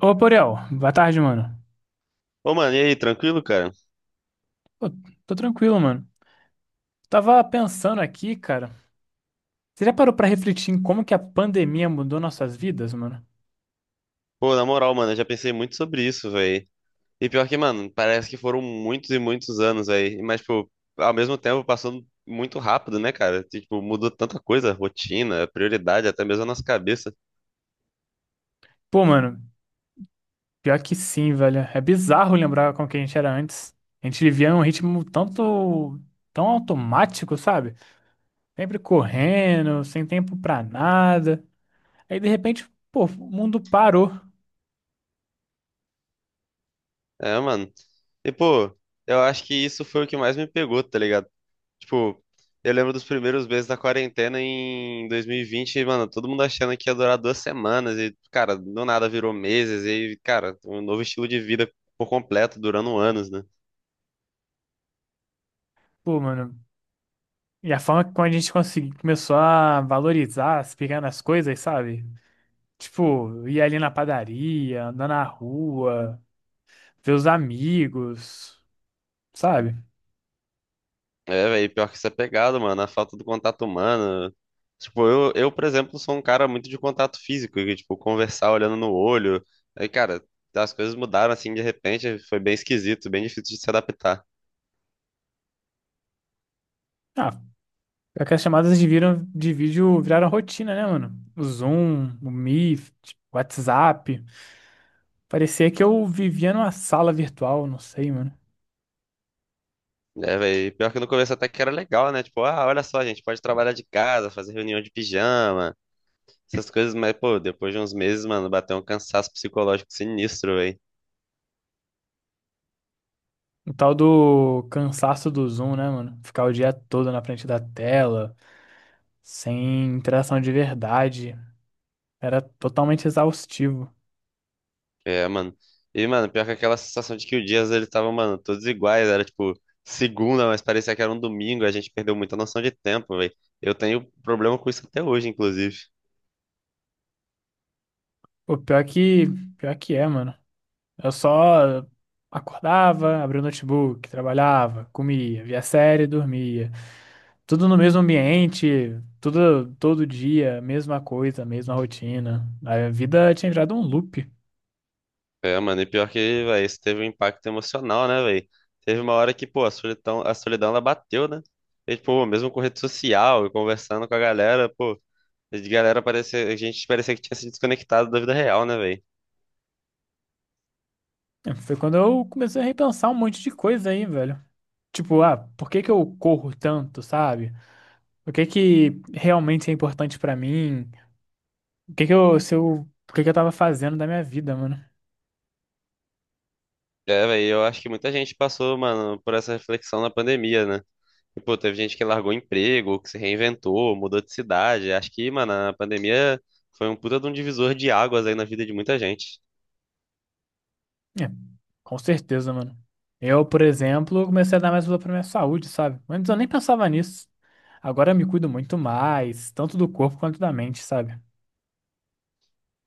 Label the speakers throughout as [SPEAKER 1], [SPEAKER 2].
[SPEAKER 1] Ô, Borel, boa tarde, mano.
[SPEAKER 2] Ô, mano, e aí, tranquilo, cara?
[SPEAKER 1] Pô, tô tranquilo, mano. Tava pensando aqui, cara. Você já parou pra refletir em como que a pandemia mudou nossas vidas, mano?
[SPEAKER 2] Pô, na moral, mano, eu já pensei muito sobre isso, velho. E pior que, mano, parece que foram muitos e muitos anos aí. Mas, tipo, ao mesmo tempo passando muito rápido, né, cara? Tipo, mudou tanta coisa, rotina, prioridade, até mesmo a nossa cabeça.
[SPEAKER 1] Pô, mano, pior que sim, velho. É bizarro lembrar como que a gente era antes. A gente vivia um ritmo tanto, tão automático, sabe? Sempre correndo, sem tempo pra nada. Aí, de repente, pô, o mundo parou.
[SPEAKER 2] É, mano. E, pô, eu acho que isso foi o que mais me pegou, tá ligado? Tipo, eu lembro dos primeiros meses da quarentena em 2020, mano, todo mundo achando que ia durar 2 semanas e, cara, do nada virou meses e, cara, um novo estilo de vida por completo, durando anos, né?
[SPEAKER 1] Pô, mano. E a forma como começou a valorizar as pequenas coisas, sabe? Tipo, ir ali na padaria, andar na rua, ver os amigos, sabe?
[SPEAKER 2] É, velho, pior que isso é pegado, mano, a falta do contato humano. Tipo, eu, por exemplo, sou um cara muito de contato físico, que, tipo, conversar olhando no olho. Aí, cara, as coisas mudaram assim de repente, foi bem esquisito, bem difícil de se adaptar.
[SPEAKER 1] Ah, é que as chamadas de, viram, de vídeo viraram rotina, né, mano? O Zoom, o Meet, o WhatsApp. Parecia que eu vivia numa sala virtual, não sei, mano.
[SPEAKER 2] É, velho. Pior que no começo até que era legal, né? Tipo, ah, olha só, a gente pode trabalhar de casa, fazer reunião de pijama, essas coisas, mas, pô, depois de uns meses, mano, bateu um cansaço psicológico sinistro, velho.
[SPEAKER 1] O tal do cansaço do Zoom, né, mano? Ficar o dia todo na frente da tela, sem interação de verdade. Era totalmente exaustivo.
[SPEAKER 2] É, mano. E, mano, pior que aquela sensação de que o dias eles estavam, mano, todos iguais, era tipo segunda, mas parecia que era um domingo, a gente perdeu muita noção de tempo, velho. Eu tenho problema com isso até hoje, inclusive.
[SPEAKER 1] O pior que, pior que é, mano. Eu só acordava, abria o notebook, trabalhava, comia, via série, dormia. Tudo no mesmo ambiente, tudo todo dia, mesma coisa, mesma rotina. A vida tinha virado um loop.
[SPEAKER 2] É, mano, e pior que, velho, isso teve um impacto emocional, né, velho? Teve uma hora que, pô, a solidão, ela bateu, né? E, pô, mesmo com rede social e conversando com a galera, pô, a galera parecia, a gente parecia que tinha se desconectado da vida real, né, velho?
[SPEAKER 1] Foi quando eu comecei a repensar um monte de coisa aí, velho. Tipo, ah, por que que eu corro tanto, sabe? O que que realmente é importante pra mim? O que que eu, se eu, o que que eu tava fazendo da minha vida, mano?
[SPEAKER 2] É, velho, eu acho que muita gente passou, mano, por essa reflexão na pandemia, né? E, pô, teve gente que largou emprego, que se reinventou, mudou de cidade. Acho que, mano, a pandemia foi um puta de um divisor de águas aí na vida de muita gente.
[SPEAKER 1] É, com certeza, mano. Eu, por exemplo, comecei a dar mais valor pra minha saúde, sabe? Antes eu nem pensava nisso. Agora eu me cuido muito mais, tanto do corpo quanto da mente, sabe?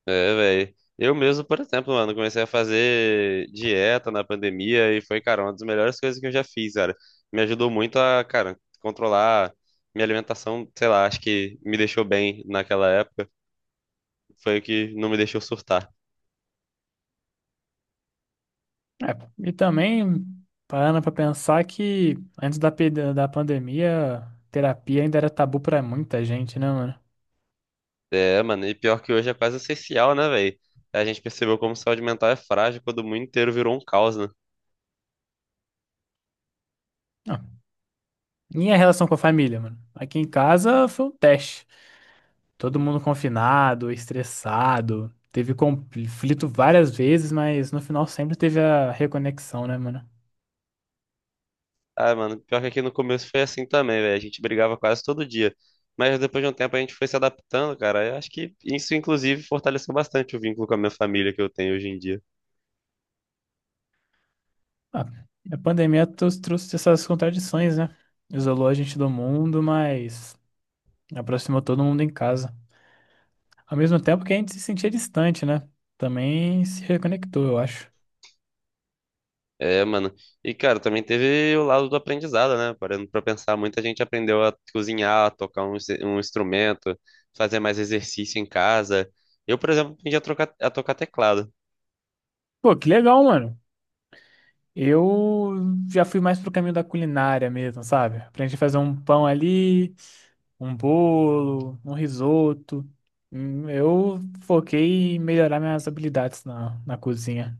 [SPEAKER 2] É, velho. Eu mesmo, por exemplo, mano, comecei a fazer dieta na pandemia e foi, cara, uma das melhores coisas que eu já fiz, cara. Me ajudou muito a, cara, controlar minha alimentação, sei lá, acho que me deixou bem naquela época. Foi o que não me deixou surtar.
[SPEAKER 1] É, e também, parando pra pensar que da pandemia, terapia ainda era tabu pra muita gente, né, mano?
[SPEAKER 2] É, mano, e pior que hoje é quase essencial, né, velho? A gente percebeu como saúde mental é frágil quando o mundo inteiro virou um caos, né?
[SPEAKER 1] Ah, minha relação com a família, mano. Aqui em casa foi um teste. Todo mundo confinado, estressado. Teve conflito várias vezes, mas no final sempre teve a reconexão, né, mano?
[SPEAKER 2] Ah, mano, pior que aqui no começo foi assim também, velho. A gente brigava quase todo dia. Mas depois de um tempo a gente foi se adaptando, cara. Eu acho que isso, inclusive, fortaleceu bastante o vínculo com a minha família que eu tenho hoje em dia.
[SPEAKER 1] Ah, a pandemia trouxe essas contradições, né? Isolou a gente do mundo, mas aproximou todo mundo em casa. Ao mesmo tempo que a gente se sentia distante, né? Também se reconectou, eu acho.
[SPEAKER 2] É, mano. E, cara, também teve o lado do aprendizado, né? Parando pra pensar, muita gente aprendeu a cozinhar, a tocar um, um instrumento, fazer mais exercício em casa. Eu, por exemplo, aprendi a tocar teclado.
[SPEAKER 1] Pô, que legal, mano. Eu já fui mais pro caminho da culinária mesmo, sabe? Aprendi a fazer um pão ali, um bolo, um risoto. Hum. Eu foquei em melhorar minhas habilidades na cozinha.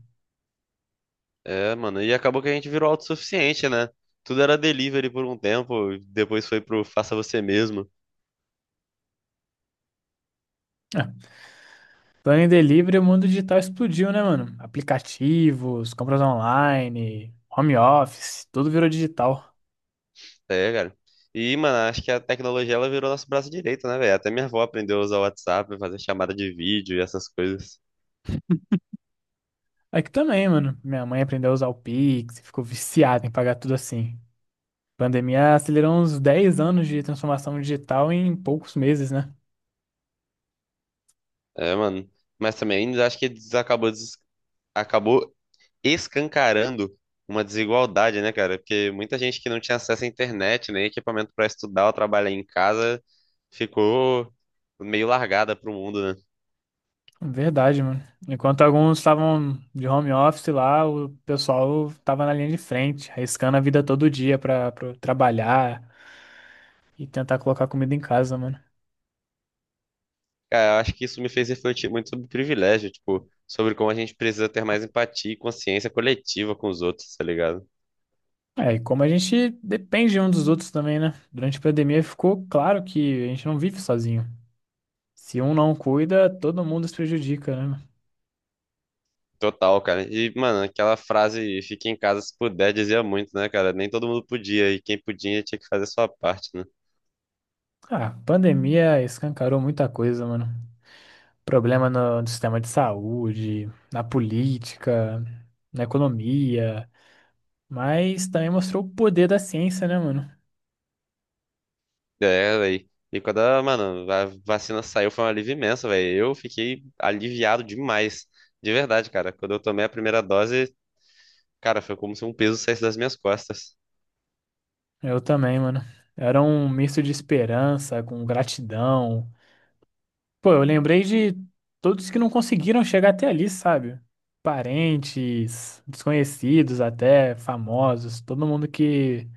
[SPEAKER 2] É, mano. E acabou que a gente virou autossuficiente, né? Tudo era delivery por um tempo, depois foi pro faça você mesmo.
[SPEAKER 1] Ah, Plano em delivery, o mundo digital explodiu, né, mano? Aplicativos, compras online, home office, tudo virou digital.
[SPEAKER 2] É, cara. E, mano, acho que a tecnologia ela virou nosso braço direito, né, velho? Até minha avó aprendeu a usar o WhatsApp, fazer chamada de vídeo e essas coisas.
[SPEAKER 1] Aqui também, mano. Minha mãe aprendeu a usar o Pix, e ficou viciada em pagar tudo assim. Pandemia acelerou uns 10 anos de transformação digital em poucos meses, né?
[SPEAKER 2] É, mano. Mas também acho que acabou escancarando uma desigualdade, né, cara? Porque muita gente que não tinha acesso à internet, nem equipamento pra estudar ou trabalhar em casa, ficou meio largada pro mundo, né?
[SPEAKER 1] Verdade, mano. Enquanto alguns estavam de home office lá, o pessoal tava na linha de frente, arriscando a vida todo dia pra trabalhar e tentar colocar comida em casa, mano.
[SPEAKER 2] Cara, eu acho que isso me fez refletir muito sobre privilégio, tipo, sobre como a gente precisa ter mais empatia e consciência coletiva com os outros, tá ligado?
[SPEAKER 1] É, e como a gente depende um dos outros também, né? Durante a pandemia ficou claro que a gente não vive sozinho. Se um não cuida, todo mundo se prejudica, né?
[SPEAKER 2] Total, cara. E, mano, aquela frase, fique em casa se puder, dizia muito, né, cara? Nem todo mundo podia, e quem podia tinha que fazer a sua parte, né?
[SPEAKER 1] Ah, a pandemia escancarou muita coisa, mano. Problema no sistema de saúde, na política, na economia, mas também mostrou o poder da ciência, né, mano?
[SPEAKER 2] É, velho. E quando a, mano, a vacina saiu, foi um alívio imenso, velho. Eu fiquei aliviado demais. De verdade, cara. Quando eu tomei a primeira dose, cara, foi como se um peso saísse das minhas costas.
[SPEAKER 1] Eu também, mano. Era um misto de esperança com gratidão. Pô, eu lembrei de todos que não conseguiram chegar até ali, sabe? Parentes, desconhecidos até, famosos, todo mundo que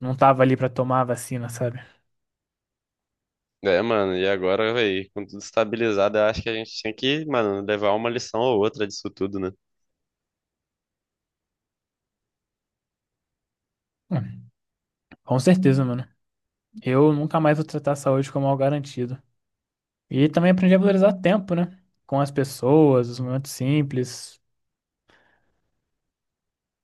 [SPEAKER 1] não tava ali pra tomar a vacina, sabe?
[SPEAKER 2] É, mano, e agora, velho, com tudo estabilizado, eu acho que a gente tinha que, mano, levar uma lição ou outra disso tudo, né?
[SPEAKER 1] Hum, com certeza, mano. Eu nunca mais vou tratar a saúde como algo garantido. E também aprendi a valorizar o tempo, né? Com as pessoas, os momentos simples.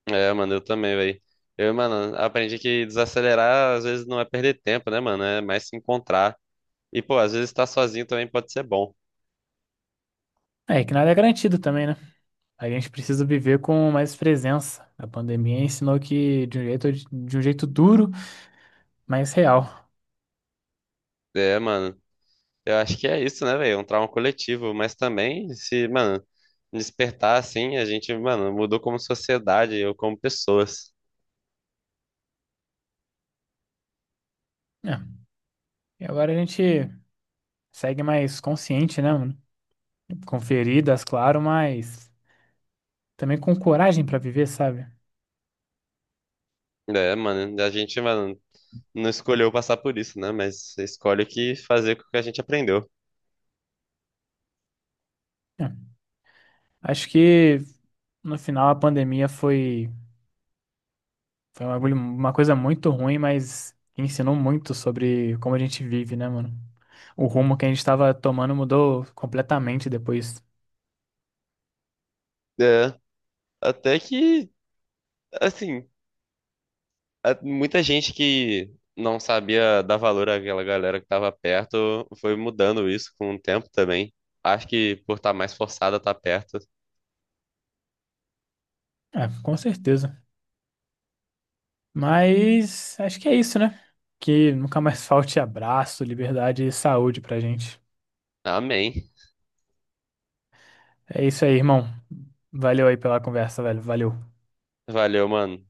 [SPEAKER 2] É, mano, eu também, velho. Eu, mano, aprendi que desacelerar às vezes não é perder tempo, né, mano? É mais se encontrar. E, pô, às vezes estar sozinho também pode ser bom.
[SPEAKER 1] É que nada é garantido também, né? A gente precisa viver com mais presença. A pandemia ensinou que de um jeito duro, mas real.
[SPEAKER 2] É, mano. Eu acho que é isso, né, velho? Um trauma coletivo. Mas também, se, mano, despertar assim, a gente, mano, mudou como sociedade ou como pessoas.
[SPEAKER 1] É. E agora a gente. Segue mais consciente, né, mano? Com feridas, claro, mas também com coragem pra viver, sabe?
[SPEAKER 2] É, mano, a gente, mano, não escolheu passar por isso, né? Mas escolhe o que fazer com o que a gente aprendeu.
[SPEAKER 1] É. Acho que no final foi uma coisa muito ruim, mas que ensinou muito sobre como a gente vive, né, mano? O rumo que a gente tava tomando mudou completamente depois.
[SPEAKER 2] É, até que, assim. Muita gente que não sabia dar valor àquela galera que estava perto foi mudando isso com o tempo também. Acho que por estar mais forçada a estar perto.
[SPEAKER 1] É, com certeza. Mas acho que é isso, né? Que nunca mais falte abraço, liberdade e saúde pra gente.
[SPEAKER 2] Amém.
[SPEAKER 1] É isso aí, irmão. Valeu aí pela conversa, velho. Valeu.
[SPEAKER 2] Valeu, mano.